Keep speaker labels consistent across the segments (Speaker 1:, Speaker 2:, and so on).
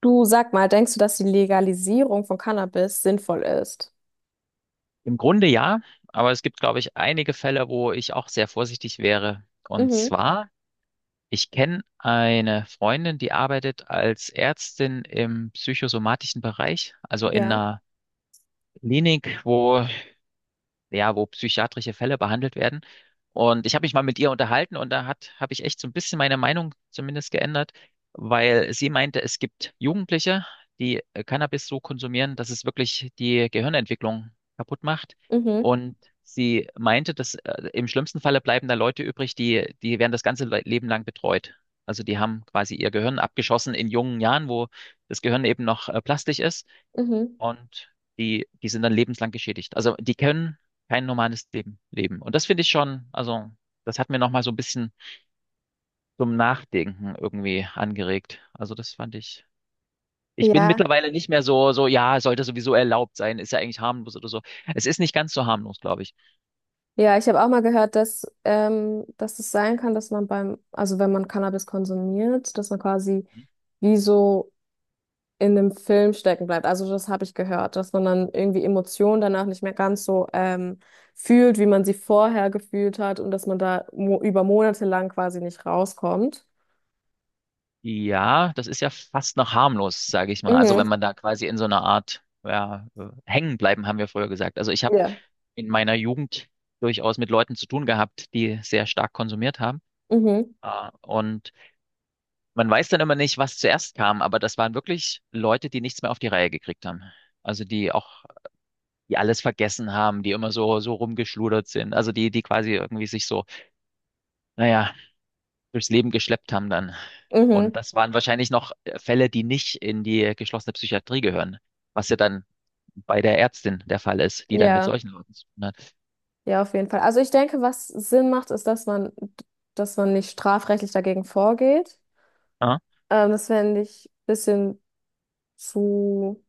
Speaker 1: Du, sag mal, denkst du, dass die Legalisierung von Cannabis sinnvoll ist?
Speaker 2: Im Grunde ja, aber es gibt, glaube ich, einige Fälle, wo ich auch sehr vorsichtig wäre. Und
Speaker 1: Mhm,
Speaker 2: zwar, ich kenne eine Freundin, die arbeitet als Ärztin im psychosomatischen Bereich, also in
Speaker 1: ja.
Speaker 2: einer Klinik, wo psychiatrische Fälle behandelt werden. Und ich habe mich mal mit ihr unterhalten, und da habe ich echt so ein bisschen meine Meinung zumindest geändert, weil sie meinte, es gibt Jugendliche, die Cannabis so konsumieren, dass es wirklich die Gehirnentwicklung kaputt macht.
Speaker 1: Mhm,
Speaker 2: Und sie meinte, dass im schlimmsten Falle bleiben da Leute übrig die werden das ganze Leben lang betreut. Also die haben quasi ihr Gehirn abgeschossen in jungen Jahren, wo das Gehirn eben noch plastisch ist,
Speaker 1: mhm.
Speaker 2: und die sind dann lebenslang geschädigt. Also die können kein normales Leben leben. Und das finde ich schon, also das hat mir nochmal so ein bisschen zum Nachdenken irgendwie angeregt. Also das fand ich. Ich bin
Speaker 1: Ja.
Speaker 2: mittlerweile nicht mehr so, ja, sollte sowieso erlaubt sein, ist ja eigentlich harmlos oder so. Es ist nicht ganz so harmlos, glaube ich.
Speaker 1: Ja, ich habe auch mal gehört, dass, dass es sein kann, dass man beim, also wenn man Cannabis konsumiert, dass man quasi wie so in einem Film stecken bleibt. Also das habe ich gehört, dass man dann irgendwie Emotionen danach nicht mehr ganz so fühlt, wie man sie vorher gefühlt hat und dass man da mo über Monate lang quasi nicht rauskommt.
Speaker 2: Ja, das ist ja fast noch harmlos, sage ich mal. Also
Speaker 1: Mhm.
Speaker 2: wenn man da quasi in so einer Art, ja, hängen bleiben, haben wir früher gesagt. Also ich habe
Speaker 1: Ja.
Speaker 2: in meiner Jugend durchaus mit Leuten zu tun gehabt, die sehr stark konsumiert haben.
Speaker 1: Mhm.
Speaker 2: Ah, und man weiß dann immer nicht, was zuerst kam, aber das waren wirklich Leute, die nichts mehr auf die Reihe gekriegt haben. Also die auch, die alles vergessen haben, die immer so rumgeschludert sind. Also die quasi irgendwie sich so, naja, durchs Leben geschleppt haben dann. Und
Speaker 1: Mhm.
Speaker 2: das waren wahrscheinlich noch Fälle, die nicht in die geschlossene Psychiatrie gehören, was ja dann bei der Ärztin der Fall ist, die dann mit
Speaker 1: Ja.
Speaker 2: solchen Leuten zu tun hat.
Speaker 1: Ja, auf jeden Fall. Also ich denke, was Sinn macht, ist, dass man nicht strafrechtlich dagegen vorgeht.
Speaker 2: Ah,
Speaker 1: Das fände ich ein bisschen zu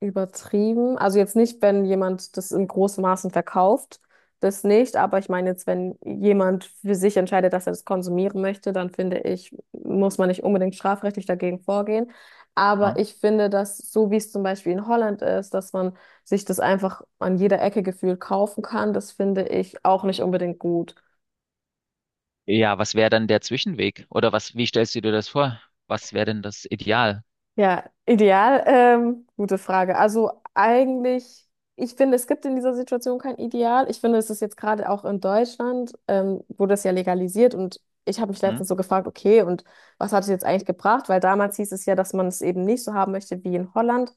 Speaker 1: übertrieben. Also jetzt nicht, wenn jemand das in großem Maßen verkauft, das nicht. Aber ich meine jetzt, wenn jemand für sich entscheidet, dass er das konsumieren möchte, dann finde ich, muss man nicht unbedingt strafrechtlich dagegen vorgehen. Aber
Speaker 2: ah.
Speaker 1: ich finde, dass so wie es zum Beispiel in Holland ist, dass man sich das einfach an jeder Ecke gefühlt kaufen kann, das finde ich auch nicht unbedingt gut.
Speaker 2: Ja, was wäre dann der Zwischenweg? Oder was, wie stellst du dir das vor? Was wäre denn das Ideal?
Speaker 1: Ja, ideal. Gute Frage. Also eigentlich, ich finde, es gibt in dieser Situation kein Ideal. Ich finde, es ist jetzt gerade auch in Deutschland, wurde es ja legalisiert und ich habe mich
Speaker 2: Hm?
Speaker 1: letztens so gefragt, okay, und was hat es jetzt eigentlich gebracht? Weil damals hieß es ja, dass man es eben nicht so haben möchte wie in Holland,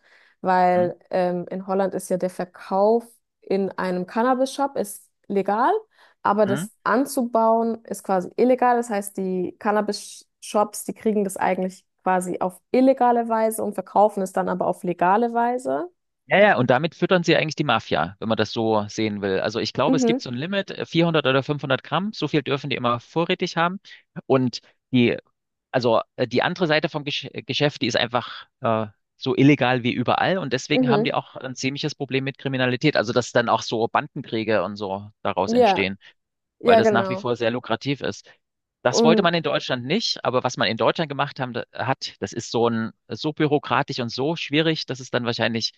Speaker 2: Hm?
Speaker 1: weil in Holland ist ja der Verkauf in einem Cannabis-Shop ist legal. Aber
Speaker 2: Hm?
Speaker 1: das anzubauen ist quasi illegal. Das heißt, die Cannabis-Shops, die kriegen das eigentlich quasi auf illegale Weise und verkaufen es dann aber auf legale Weise.
Speaker 2: Ja, ja, und damit füttern sie eigentlich die Mafia, wenn man das so sehen will. Also ich glaube, es
Speaker 1: Mhm,
Speaker 2: gibt so ein Limit, 400 oder 500 Gramm, so viel dürfen die immer vorrätig haben. Und die, also die andere Seite vom Geschäft, die ist einfach so illegal wie überall. Und deswegen haben die
Speaker 1: mhm.
Speaker 2: auch ein ziemliches Problem mit Kriminalität. Also dass dann auch so Bandenkriege und so daraus
Speaker 1: Ja,
Speaker 2: entstehen, weil
Speaker 1: ja,
Speaker 2: das nach wie
Speaker 1: genau.
Speaker 2: vor sehr lukrativ ist. Das wollte
Speaker 1: Und
Speaker 2: man in Deutschland nicht, aber was man in Deutschland gemacht hat, das ist so ein, so bürokratisch und so schwierig, dass es dann wahrscheinlich,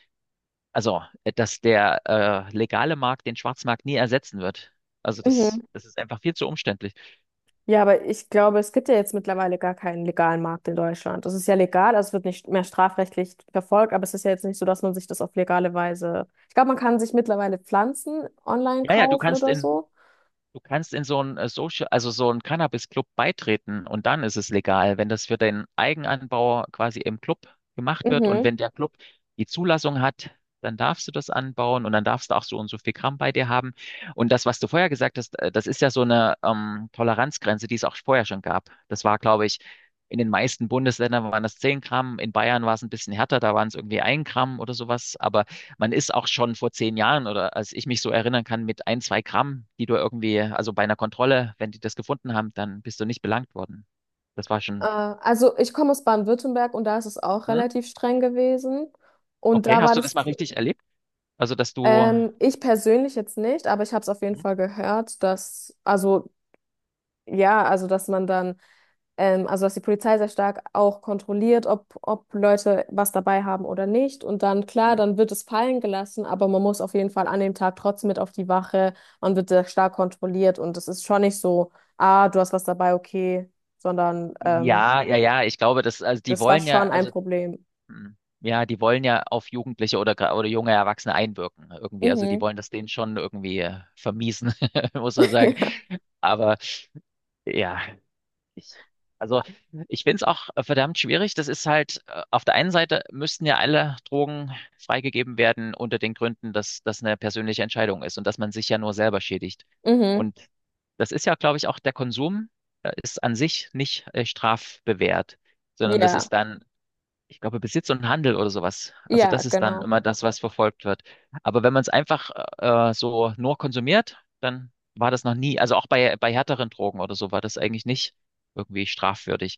Speaker 2: also, dass der legale Markt den Schwarzmarkt nie ersetzen wird. Also das,
Speaker 1: mhm.
Speaker 2: das ist einfach viel zu umständlich.
Speaker 1: Ja, aber ich glaube, es gibt ja jetzt mittlerweile gar keinen legalen Markt in Deutschland. Das ist ja legal, also es wird nicht mehr strafrechtlich verfolgt, aber es ist ja jetzt nicht so, dass man sich das auf legale Weise. Ich glaube, man kann sich mittlerweile Pflanzen online
Speaker 2: Ja, ja.
Speaker 1: kaufen oder so.
Speaker 2: Du kannst in so einen also so einen Cannabis-Club beitreten, und dann ist es legal, wenn das für den Eigenanbauer quasi im Club gemacht wird und
Speaker 1: Mhm.
Speaker 2: wenn der Club die Zulassung hat, dann darfst du das anbauen, und dann darfst du auch so und so viel Gramm bei dir haben. Und das, was du vorher gesagt hast, das ist ja so eine Toleranzgrenze, die es auch vorher schon gab. Das war, glaube ich, in den meisten Bundesländern waren das 10 Gramm, in Bayern war es ein bisschen härter, da waren es irgendwie ein Gramm oder sowas, aber man ist auch schon vor 10 Jahren, oder als ich mich so erinnern kann, mit ein, zwei Gramm, die du irgendwie, also bei einer Kontrolle, wenn die das gefunden haben, dann bist du nicht belangt worden. Das war schon,
Speaker 1: Also ich komme aus Baden-Württemberg und da ist es auch
Speaker 2: hm?
Speaker 1: relativ streng gewesen. Und
Speaker 2: Okay,
Speaker 1: da war
Speaker 2: hast du das mal
Speaker 1: das,
Speaker 2: richtig erlebt? Also, dass du,
Speaker 1: ich persönlich jetzt nicht, aber ich habe es auf jeden
Speaker 2: hm?
Speaker 1: Fall gehört, dass, also ja, also dass man dann, also dass die Polizei sehr stark auch kontrolliert, ob Leute was dabei haben oder nicht. Und dann, klar,
Speaker 2: Hm?
Speaker 1: dann wird es fallen gelassen, aber man muss auf jeden Fall an dem Tag trotzdem mit auf die Wache. Man wird sehr stark kontrolliert und es ist schon nicht so, ah, du hast was dabei, okay, sondern
Speaker 2: Ja, ja, ja, ich glaube, das, also die
Speaker 1: das war
Speaker 2: wollen ja,
Speaker 1: schon ein
Speaker 2: also,
Speaker 1: Problem.
Speaker 2: hm, ja, die wollen ja auf Jugendliche oder, gra- oder junge Erwachsene einwirken irgendwie. Also, die
Speaker 1: Mhm.
Speaker 2: wollen das denen schon irgendwie vermiesen, muss man sagen.
Speaker 1: Ja.
Speaker 2: Aber ja. Ich, also ich finde es auch verdammt schwierig. Das ist halt, auf der einen Seite müssten ja alle Drogen freigegeben werden unter den Gründen, dass das eine persönliche Entscheidung ist und dass man sich ja nur selber schädigt.
Speaker 1: Mhm.
Speaker 2: Und das ist ja, glaube ich, auch der Konsum ist an sich nicht strafbewehrt, sondern das
Speaker 1: Ja.
Speaker 2: ist dann, ich glaube, Besitz und Handel oder sowas. Also
Speaker 1: Ja,
Speaker 2: das ist dann
Speaker 1: genau.
Speaker 2: immer das, was verfolgt wird. Aber wenn man es einfach so nur konsumiert, dann war das noch nie, also auch bei härteren Drogen oder so war das eigentlich nicht irgendwie strafwürdig.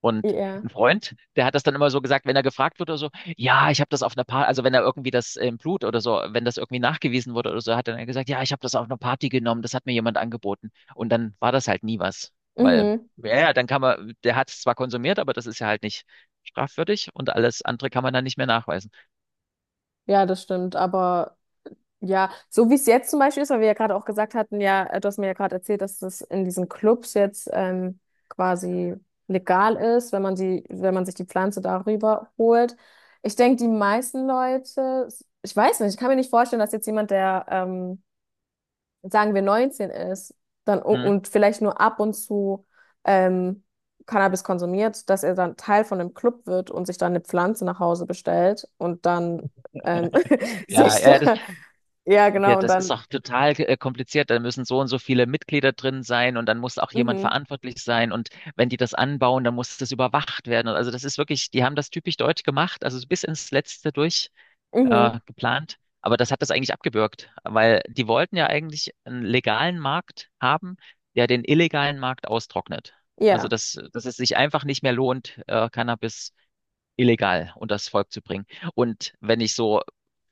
Speaker 2: Und
Speaker 1: Ja.
Speaker 2: ein Freund, der hat das dann immer so gesagt, wenn er gefragt wurde oder so, ja, ich habe das auf einer Party, also wenn er irgendwie das im Blut oder so, wenn das irgendwie nachgewiesen wurde oder so, hat dann er gesagt, ja, ich habe das auf einer Party genommen, das hat mir jemand angeboten. Und dann war das halt nie was, weil,
Speaker 1: Mhm.
Speaker 2: ja, ja, dann kann man, der hat es zwar konsumiert, aber das ist ja halt nicht strafwürdig, und alles andere kann man dann nicht mehr nachweisen.
Speaker 1: Ja, das stimmt. Aber ja, so wie es jetzt zum Beispiel ist, weil wir ja gerade auch gesagt hatten, ja, du hast mir ja gerade erzählt, dass das in diesen Clubs jetzt quasi legal ist, wenn man die, wenn man sich die Pflanze darüber holt. Ich denke, die meisten Leute, ich weiß nicht, ich kann mir nicht vorstellen, dass jetzt jemand, der sagen wir 19 ist, dann
Speaker 2: Hm?
Speaker 1: und vielleicht nur ab und zu ähm, Cannabis konsumiert, dass er dann Teil von einem Club wird und sich dann eine Pflanze nach Hause bestellt und dann ähm,
Speaker 2: Ja,
Speaker 1: sich
Speaker 2: ja, das,
Speaker 1: da, ja
Speaker 2: der-
Speaker 1: genau, und
Speaker 2: das ist
Speaker 1: dann,
Speaker 2: auch total kompliziert. Da müssen so und so viele Mitglieder drin sein, und dann muss auch jemand
Speaker 1: mhm,
Speaker 2: verantwortlich sein, und wenn die das anbauen, dann muss das überwacht werden. Also das ist wirklich, die haben das typisch deutsch gemacht, also bis ins Letzte durch
Speaker 1: mhm,
Speaker 2: geplant. Aber das hat das eigentlich abgebürgt, weil die wollten ja eigentlich einen legalen Markt haben, der den illegalen Markt austrocknet. Also
Speaker 1: ja,
Speaker 2: dass es sich einfach nicht mehr lohnt, Cannabis illegal unter das Volk zu bringen. Und wenn ich so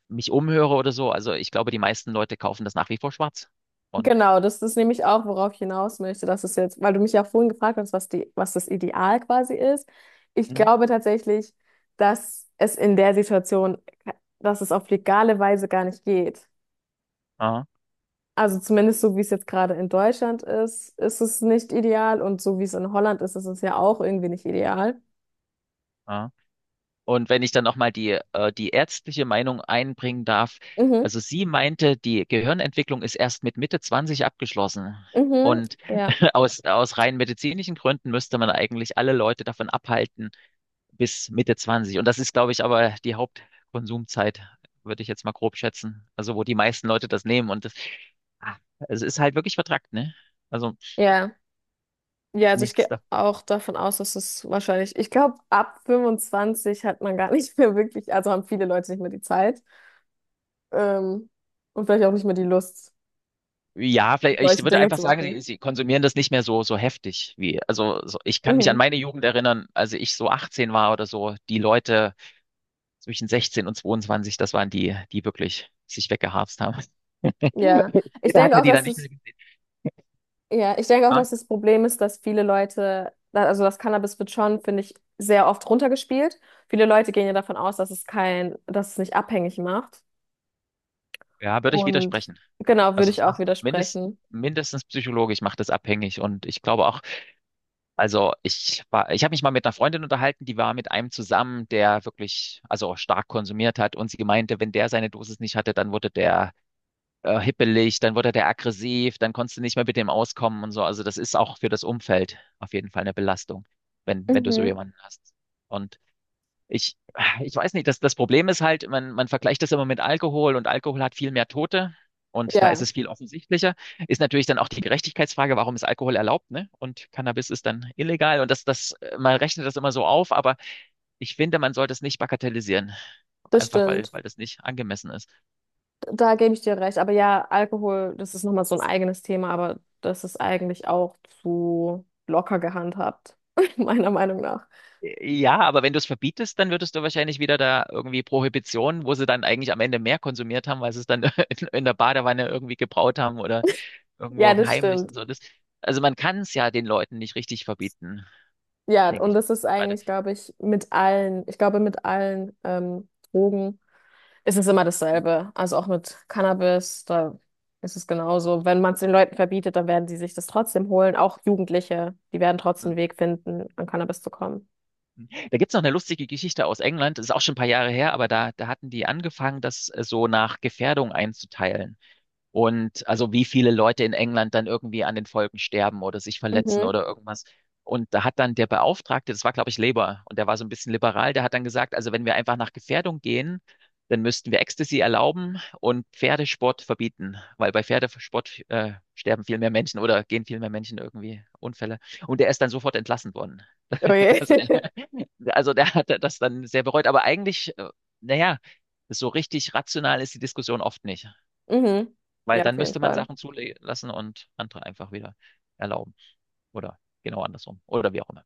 Speaker 2: mich umhöre oder so, also ich glaube, die meisten Leute kaufen das nach wie vor schwarz. Und,
Speaker 1: genau, das ist nämlich auch, worauf ich hinaus möchte, dass es jetzt, weil du mich ja vorhin gefragt hast, was das Ideal quasi ist. Ich
Speaker 2: mhm,
Speaker 1: glaube tatsächlich, dass es in der Situation, dass es auf legale Weise gar nicht geht.
Speaker 2: ah,
Speaker 1: Also zumindest so, wie es jetzt gerade in Deutschland ist, ist es nicht ideal. Und so wie es in Holland ist, ist es ja auch irgendwie nicht ideal.
Speaker 2: ah. Und wenn ich dann nochmal die, die ärztliche Meinung einbringen darf,
Speaker 1: Mhm,
Speaker 2: also sie meinte, die Gehirnentwicklung ist erst mit Mitte 20 abgeschlossen.
Speaker 1: mhm,
Speaker 2: Und
Speaker 1: ja,
Speaker 2: aus rein medizinischen Gründen müsste man eigentlich alle Leute davon abhalten, bis Mitte Zwanzig. Und das ist, glaube ich, aber die Hauptkonsumzeit, würde ich jetzt mal grob schätzen. Also, wo die meisten Leute das nehmen. Und das, ah, es ist halt wirklich vertrackt, ne? Also,
Speaker 1: ja. Ja, also ich
Speaker 2: nichts
Speaker 1: gehe
Speaker 2: da.
Speaker 1: auch davon aus, dass es wahrscheinlich, ich glaube, ab 25 hat man gar nicht mehr wirklich, also haben viele Leute nicht mehr die Zeit, ähm, und vielleicht auch nicht mehr die Lust,
Speaker 2: Ja, vielleicht, ich
Speaker 1: solche
Speaker 2: würde
Speaker 1: Dinge
Speaker 2: einfach
Speaker 1: zu
Speaker 2: sagen,
Speaker 1: machen.
Speaker 2: sie konsumieren das nicht mehr so, heftig wie, also, so, ich kann mich an
Speaker 1: Mhm,
Speaker 2: meine Jugend erinnern, als ich so 18 war oder so, die Leute zwischen 16 und 22, das waren die, die wirklich sich weggeharzt haben.
Speaker 1: ja. Ich
Speaker 2: Später hat
Speaker 1: denke
Speaker 2: man
Speaker 1: auch,
Speaker 2: die dann
Speaker 1: dass
Speaker 2: nicht mehr
Speaker 1: es
Speaker 2: gesehen.
Speaker 1: Ja, ich denke auch,
Speaker 2: Ja,
Speaker 1: dass das Problem ist, dass viele Leute, also das Cannabis wird schon, finde ich, sehr oft runtergespielt. Viele Leute gehen ja davon aus, dass es nicht abhängig macht.
Speaker 2: ja, würde ich
Speaker 1: Und
Speaker 2: widersprechen.
Speaker 1: genau, würde
Speaker 2: Also
Speaker 1: ich
Speaker 2: es
Speaker 1: auch
Speaker 2: macht mindest,
Speaker 1: widersprechen.
Speaker 2: mindestens psychologisch macht es abhängig, und ich glaube auch, also ich habe mich mal mit einer Freundin unterhalten, die war mit einem zusammen, der wirklich, also stark konsumiert hat, und sie meinte, wenn der seine Dosis nicht hatte, dann wurde der hippelig, dann wurde der aggressiv, dann konntest du nicht mehr mit dem auskommen und so. Also das ist auch für das Umfeld auf jeden Fall eine Belastung, wenn du so
Speaker 1: Mhm.
Speaker 2: jemanden hast. Und ich, ich weiß nicht, das Problem ist halt, man vergleicht das immer mit Alkohol, und Alkohol hat viel mehr Tote, und da ist
Speaker 1: Ja,
Speaker 2: es viel offensichtlicher. Ist natürlich dann auch die Gerechtigkeitsfrage, warum ist Alkohol erlaubt, ne? Und Cannabis ist dann illegal, und das, man rechnet das immer so auf, aber ich finde, man sollte es nicht bagatellisieren,
Speaker 1: das
Speaker 2: einfach weil,
Speaker 1: stimmt.
Speaker 2: weil das nicht angemessen ist.
Speaker 1: Da gebe ich dir recht. Aber ja, Alkohol, das ist nochmal so ein eigenes Thema, aber das ist eigentlich auch zu locker gehandhabt, meiner Meinung nach.
Speaker 2: Ja, aber wenn du es verbietest, dann würdest du wahrscheinlich wieder da irgendwie Prohibition, wo sie dann eigentlich am Ende mehr konsumiert haben, weil sie es dann in der Badewanne irgendwie gebraut haben oder
Speaker 1: Ja,
Speaker 2: irgendwo
Speaker 1: das
Speaker 2: heimlich
Speaker 1: stimmt.
Speaker 2: und so. Das, also man kann es ja den Leuten nicht richtig verbieten,
Speaker 1: Ja,
Speaker 2: denke
Speaker 1: und
Speaker 2: ich mal.
Speaker 1: das ist
Speaker 2: Warte.
Speaker 1: eigentlich, glaube ich, ich glaube, mit allen Drogen. Es ist immer dasselbe. Also auch mit Cannabis, da ist es genauso. Wenn man es den Leuten verbietet, dann werden sie sich das trotzdem holen. Auch Jugendliche, die werden trotzdem einen Weg finden, an Cannabis zu kommen.
Speaker 2: Da gibt's noch eine lustige Geschichte aus England, das ist auch schon ein paar Jahre her, aber da hatten die angefangen, das so nach Gefährdung einzuteilen. Und also wie viele Leute in England dann irgendwie an den Folgen sterben oder sich verletzen
Speaker 1: Mhm.
Speaker 2: oder irgendwas. Und da hat dann der Beauftragte, das war, glaube ich, Labour, und der war so ein bisschen liberal, der hat dann gesagt, also wenn wir einfach nach Gefährdung gehen, dann müssten wir Ecstasy erlauben und Pferdesport verbieten, weil bei Pferdesport sterben viel mehr Menschen, oder gehen viel mehr Menschen irgendwie Unfälle. Und der ist dann sofort entlassen worden.
Speaker 1: Okay.
Speaker 2: Also, der hat das dann sehr bereut. Aber eigentlich, naja, so richtig rational ist die Diskussion oft nicht.
Speaker 1: Mhm.
Speaker 2: Weil
Speaker 1: Ja, auf
Speaker 2: dann
Speaker 1: jeden
Speaker 2: müsste man
Speaker 1: Fall.
Speaker 2: Sachen zulassen und andere einfach wieder erlauben. Oder genau andersrum. Oder wie auch immer.